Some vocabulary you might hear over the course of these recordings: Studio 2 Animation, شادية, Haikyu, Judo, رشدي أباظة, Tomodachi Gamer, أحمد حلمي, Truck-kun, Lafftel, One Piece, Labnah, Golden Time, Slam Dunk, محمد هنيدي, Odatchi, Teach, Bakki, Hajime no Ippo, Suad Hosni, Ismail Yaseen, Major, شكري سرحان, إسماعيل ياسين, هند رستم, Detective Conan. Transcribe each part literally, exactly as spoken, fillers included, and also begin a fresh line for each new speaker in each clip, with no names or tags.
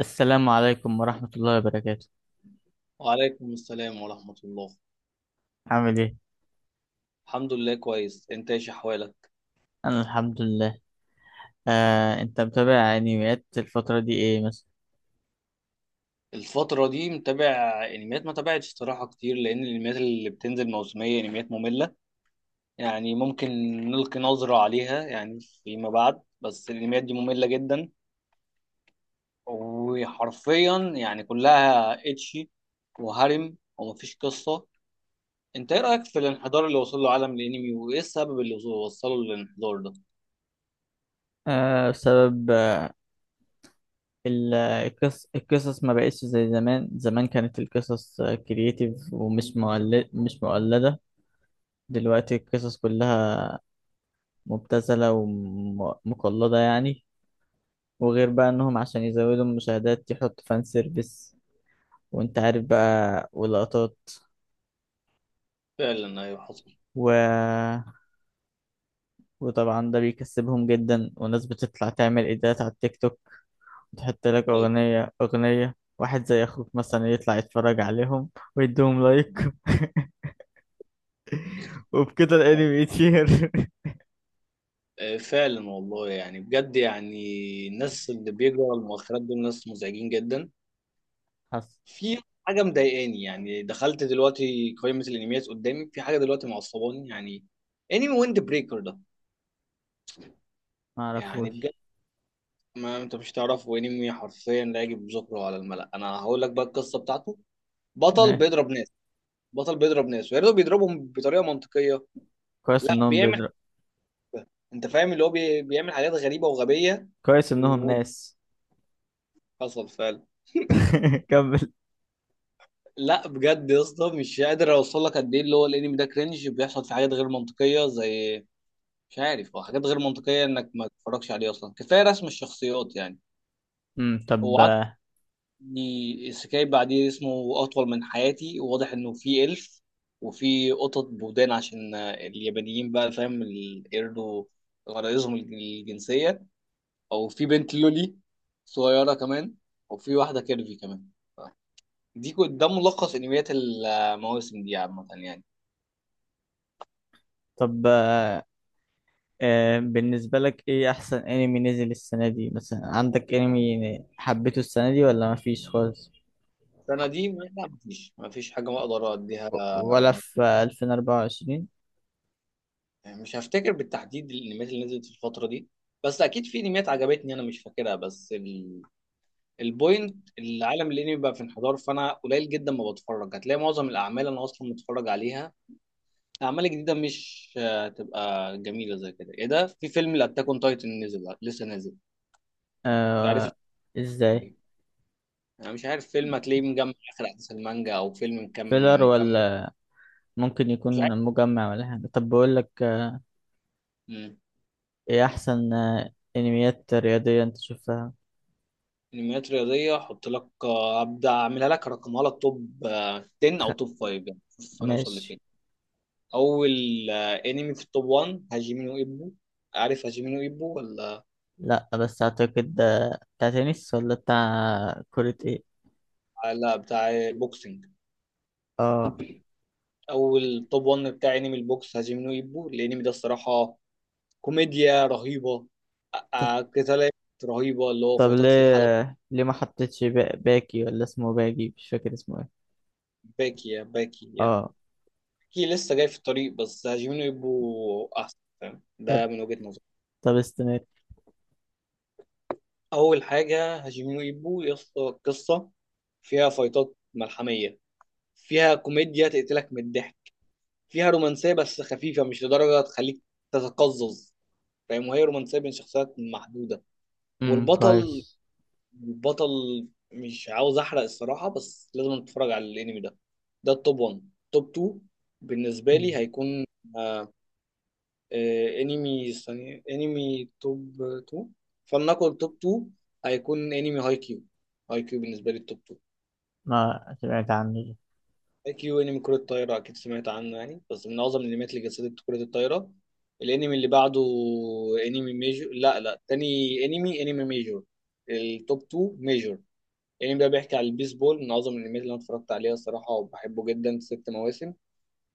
السلام عليكم ورحمة الله وبركاته.
وعليكم السلام ورحمة الله.
عامل ايه؟
الحمد لله كويس، انت ايش احوالك؟
أنا الحمد لله. آه، أنت متابع أنميات الفترة دي ايه مثلا؟
الفترة دي متابع انميات ما تابعتش الصراحة كتير لان الانميات اللي بتنزل موسمية انميات مملة. يعني ممكن نلقي نظرة عليها يعني فيما بعد، بس الانميات دي مملة جدا وحرفيا يعني كلها اتشي وهرم ومفيش قصة. انت ايه رأيك في الانحدار اللي وصل له عالم الانمي وايه السبب اللي وصله للانحدار ده؟
آه، بسبب آه، ال- القص القصص ما بقتش زي زمان. زمان كانت القصص كرييتيف ومش مؤلد مش مؤلدة. دلوقتي القصص كلها مبتذلة ومقلدة يعني. وغير بقى إنهم عشان يزودوا المشاهدات يحطوا فان سيرفيس، وأنت عارف بقى، ولقطات.
فعلا ايوه حصل.
و وطبعا ده بيكسبهم جدا، وناس بتطلع تعمل ايدات على التيك توك وتحط لك
أيوة.
اغنية اغنية. واحد زي اخوك مثلا يطلع يتفرج عليهم ويديهم لايك وبكده الانمي يطير.
آه، فعلا والله يعني بجد يعني الناس اللي بيجروا على المؤخرات دول ناس مزعجين جدا.
حصل.
في حاجة مضايقاني، يعني دخلت دلوقتي قائمة الانميات قدامي، في حاجة دلوقتي معصباني يعني انمي ويند بريكر ده.
ما
يعني بجد،
اعرفوش.
ما انت مش تعرفه، انمي حرفيا لا يجب ذكره على الملأ. انا هقول لك بقى القصة بتاعته. بطل
ماشي.
بيضرب ناس، بطل بيضرب ناس ويا ريته بيضربهم بطريقة منطقية.
كويس
لا،
انهم
بيعمل،
بيضرب.
انت فاهم اللي هو بي- بيعمل حاجات غريبة وغبية
كويس انهم ناس.
وحصل فعلا.
كمل.
لا بجد يا اسطى، مش قادر اوصل لك قد ايه اللي هو الانمي ده كرنج، بيحصل في حاجات غير منطقيه زي، مش عارف، هو حاجات غير منطقيه انك ما تتفرجش عليه اصلا. كفايه رسم الشخصيات يعني.
امم طب.
هو عندي سكاي بعديه اسمه اطول من حياتي، واضح انه في الف وفي قطط بودان عشان اليابانيين بقى، فاهم، ال- يرضوا غرايزهم الجنسيه، او في بنت لولي صغيره كمان، وفي واحده كيرفي كمان. دي ده ملخص انميات المواسم دي عامه يعني.
طب آه، بالنسبة لك ايه احسن انمي نزل السنة دي؟ مثلا عندك انمي حبيته السنة دي ولا مفيش خالص
السنة دي لا، مفيش، مفيش حاجة أقدر أديها.
و- ولا في ألفين وأربعة وعشرين؟
مش هفتكر بالتحديد الأنميات اللي نزلت في الفترة دي، بس أكيد في أنميات عجبتني أنا مش فاكرها، بس ال... البوينت العالم الأنمي بقى في انحدار، فأنا قليل جدا ما بتفرج. هتلاقي معظم الأعمال أنا أصلا متفرج عليها، أعمال جديدة مش آه، تبقى جميلة زي كده. إيه ده في فيلم الأتاك أون تايتن نزل، لسه نازل، مش عارف
آه.
الفيلم
ازاي؟
إيه. أنا مش عارف، فيلم هتلاقيه مجمع آخر أحداث المانجا أو فيلم
فيلر
مكمل مكمل
ولا ممكن
مش
يكون مجمع ولا حاجة؟ طب بقول لك، آه،
عارف.
ايه احسن آه، انميات رياضية انت شفتها؟
انميات رياضيه احط لك، آه، ابدا اعملها لك، ارقمها لك توب، آه، عشرة
خ...
او توب خمسة. يعني شوف انا اوصل لفين.
ماشي.
اول آه، انمي في التوب واحد هاجيمي نو ايبو. عارف هاجيمي نو ايبو ولا
لا، بس اعتقد ده بتاع تنس ولا بتاع كرة ايه؟
لا؟ بتاع البوكسنج.
اه.
اول توب واحد بتاع انمي البوكس هاجيمي نو ايبو. الانمي ده الصراحه كوميديا رهيبه،
ط-
آه، قتالات رهيبه، اللي هو
طب
فايتات في
ليه
الحلبة.
آه، ليه ما حطيتش با... باكي ولا اسمه باجي، مش فاكر اسمه ايه.
باكي، يا باكي يعني،
اه.
باكي لسه جاي في الطريق، بس هاجيمي نو ايبو احسن، فاهم ده،
طب.
من وجهة نظري.
طب استمر.
اول حاجه هاشيمينو ايبو يا اسطى، قصه فيها فايتات ملحميه، فيها كوميديا تقتلك من الضحك، فيها رومانسيه بس خفيفه مش لدرجه تخليك تتقزز، فاهم، وهي رومانسيه بين شخصيات محدوده.
امم
والبطل،
كويس.
البطل مش عاوز احرق الصراحه، بس لازم تتفرج على الانمي ده. ده التوب واحد. توب اتنين بالنسبه لي
مم.
هيكون آه، آه، انمي ثانية، انمي توب اتنين، فلنقل توب اتنين هيكون انمي هاي كيو. هاي كيو بالنسبة لي التوب اتنين.
ما سمعت عنه ده.
هاي كيو انمي كرة الطايرة، اكيد سمعت عنه يعني، بس من اعظم الانميات اللي جسدت كرة الطايرة. الانمي اللي بعده انمي ميجور. لا لا تاني، انمي، انمي ميجور. التوب اتنين ميجور. الانمي ده بيحكي على البيسبول، من اعظم الانميات اللي انا اتفرجت عليها الصراحة، وبحبه جدا، ست مواسم.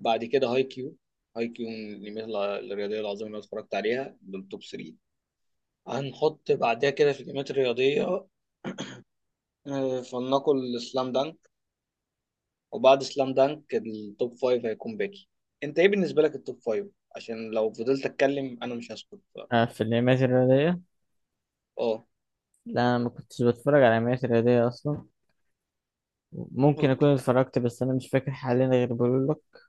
بعد كده هاي كيو. هاي كيو من الانميات الع- الرياضية العظيمة اللي انا اتفرجت عليها، بالتوب تلاتة. هنحط بعدها كده في الجيمات الرياضية، آه، فلنقل السلام دانك. وبعد سلام دانك التوب فايف هيكون باقي. انت ايه بالنسبة لك التوب فايف؟ عشان لو فضلت اتكلم انا مش هسكت. ف-
آه، في الانميات الرياضية،
اه
لا انا ما كنتش بتفرج على انميات رياضية اصلا. ممكن اكون
اوكي.
اتفرجت، بس انا مش فاكر حاليا. غير بقول لك،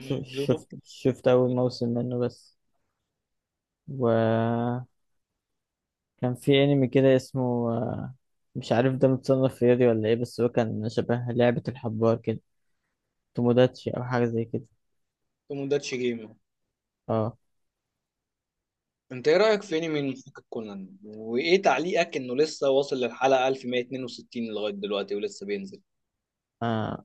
ش-
جودو.
شفت شفت اول موسم منه بس، وكان في انمي كده اسمه، آه، مش عارف ده متصنف رياضي ولا ايه، بس هو كان شبه لعبة الحبار كده. توموداتشي او حاجة زي كده.
توموداتشي جيمر.
اه.
انت ايه رأيك في انمي محقق كونان، وايه تعليقك انه لسه واصل للحلقة ألف ومية اتنين وستين لغاية دلوقتي ولسه بينزل؟
آه،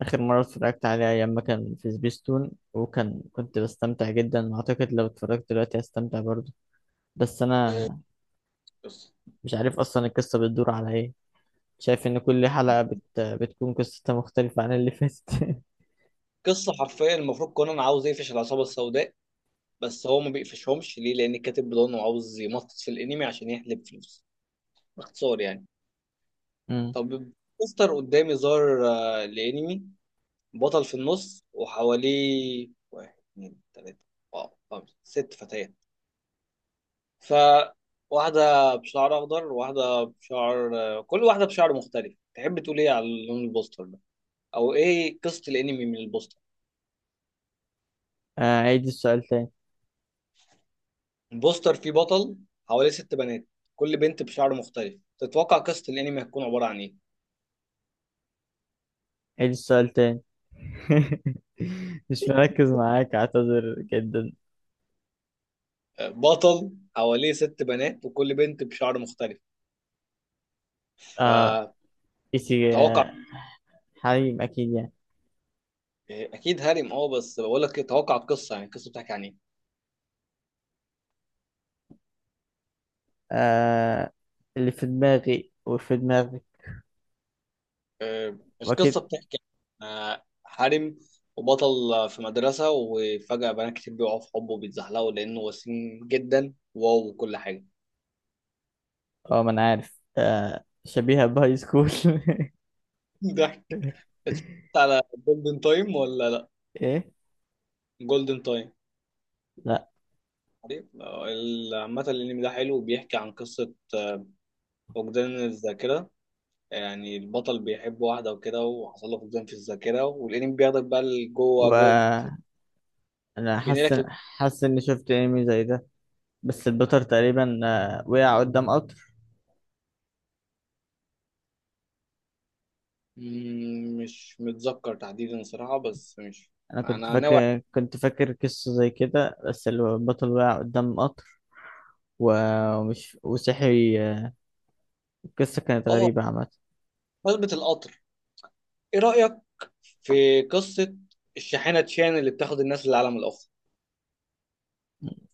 اخر مرة اتفرجت عليه ايام ما كان في سبيستون، وكان كنت بستمتع جدا. اعتقد لو اتفرجت دلوقتي هستمتع برضه، بس انا
آه، قصة
مش عارف اصلا القصة بتدور على ايه. شايف ان كل حلقة بت... بتكون قصتها مختلفة عن اللي فاتت.
قصة حرفيا المفروض كونان عاوز يقفش العصابة السوداء، بس هو ما بيقفشهمش. ليه؟ لان الكاتب بيضانه عاوز يمطط في الانمي عشان يحلب فلوس، باختصار يعني.
امم.
طب، بوستر قدامي ظهر، آه، الانمي بطل في النص وحواليه واحد اتنين تلاتة، اه خمسة ست فتيات، ف واحدة بشعر أخضر وواحدة بشعر، آه، كل واحدة بشعر مختلف. تحب تقول إيه على لون البوستر ده، أو إيه قصة الأنمي من البوستر؟
آه، عيد السؤال تاني.
البوستر فيه بطل حواليه ست بنات، كل بنت بشعر مختلف، تتوقع قصة الأنمي هتكون عبارة عن إيه؟
عيد السؤال تاني. مش مركز معاك، اعتذر جدا.
بطل حواليه ست بنات وكل بنت بشعر مختلف،
آه،
فتوقع.
إيسي، آه حريم اكيد يعني.
اكيد هارم، اه، بس بقول لك إيه، توقع القصه يعني، القصه بتحكي عن ايه؟
آه، اللي في دماغي وفي دماغك.
آه، القصه
واكيد.
بتحكي عن، آه، هارم وبطل في مدرسه، وفجاه بنات كتير بيقعوا في حبه وبيتزحلقوا لانه وسيم جدا، واو، وكل حاجه.
اه، ما انا عارف، آه، شبيهة بهاي سكول.
ضحك. اتفرجت على جولدن تايم ولا لا؟
ايه.
جولدن تايم،
لا.
عارف؟ آه، ال- عامه الانمي ده حلو وبيحكي عن قصه، آه، فقدان الذاكره. يعني البطل بيحب واحدة وكده، وحصل له فقدان في الذاكرة، والأنمي بياخدك بقى لجوه جزء،
وانا حاسس
بينقلك لج-
حاسس اني شفت انمي زي ده، بس البطل تقريبا، آه، وقع قدام قطر.
مم، مش متذكر تحديدا صراحة، بس مش،
انا كنت
أنا ناوي
فاكر كنت فاكر قصه زي كده، بس البطل وقع قدام قطر و-
عليه.
ومش وصحي. القصه كانت
آه،
غريبه عامه.
قلبة القطر. إيه رأيك في قصة الشاحنة تشان اللي بتاخد الناس للعالم الآخر؟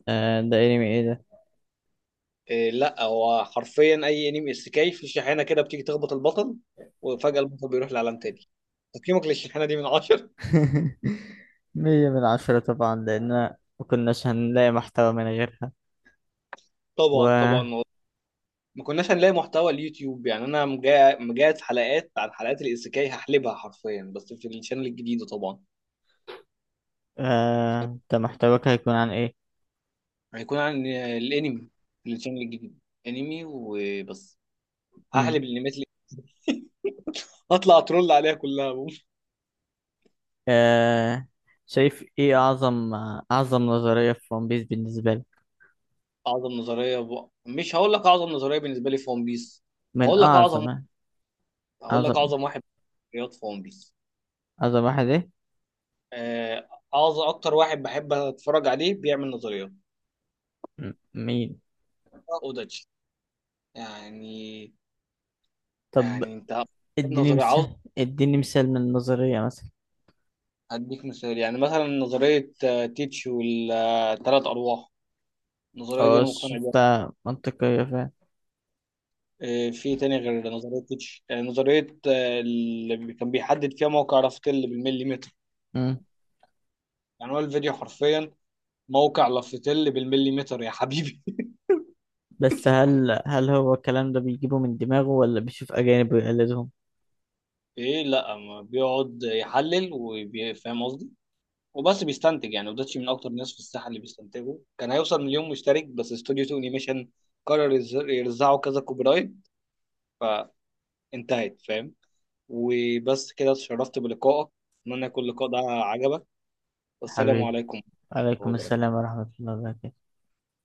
آه، ده انمي ايه ده؟
إيه، لا هو حرفيا أي أنمي إسكاي في شاحنة كده بتيجي تخبط البطل وفجأة البطل بيروح لعالم تاني. تقييمك للشاحنة دي من عشرة؟
مية من عشرة طبعا، لان ما كناش هنلاقي محتوى من غيرها.
طبعا،
و
طبعا، ما كناش هنلاقي محتوى اليوتيوب يعني. انا مجا- مجهز حلقات عن حلقات الايسيكاي، هحلبها حرفيا بس في الشانل الجديده طبعا.
آه، ده محتواك هيكون عن ايه؟
هيكون عن الانمي في الشانل الجديد، انمي وبس. هحلب
مم.
الانميات اللي هطلع اترول عليها كلها.
آه، شايف ايه اعظم اعظم نظريه في ون بيس بالنسبه لي؟
اعظم نظريه ب... مش هقول لك اعظم نظريه بالنسبه لي في ون بيس،
من
هقول لك اعظم،
اعظم.
هقول لك
اعظم
اعظم واحد رياض في ون بيس،
اعظم واحد ايه؟
آه، اعظم اكتر واحد بحب اتفرج عليه بيعمل نظريات،
مم. مين؟
اوداتشي. يعني،
طب،
يعني انت
اديني
نظريه عاوز،
مثال اديني مثال من النظرية مثلا.
هديك مثال يعني، مثلا نظرية، آه، تيتش والثلاث أرواح. النظرية دي
اه،
أنا مقتنع بيها.
شفتها منطقية فعلا.
آه، في تاني غير نظرية تيتش، آه، نظرية، آه، اللي كان بيحدد فيها موقع لافتل بالمليمتر.
مم.
يعني هو الفيديو حرفيا موقع لافتل بالمليمتر يا حبيبي.
بس هل هل هو الكلام ده بيجيبه من دماغه ولا بيشوف أجانب ويقلدهم؟
إيه، لأ، ما بيقعد يحلل وفاهم قصدي، وبس بيستنتج يعني. وداتشي من أكتر الناس في الساحة اللي بيستنتجوا. كان هيوصل مليون مشترك، بس استوديو اتنين أنيميشن قرر يز- يرزعه كذا كوبي رايت فانتهت، فاهم. وبس كده، اتشرفت بلقائك، اتمنى يكون اللقاء ده عجبك، والسلام
حبيبي،
عليكم ورحمة الله
عليكم السلام
وبركاته.
ورحمة الله وبركاته.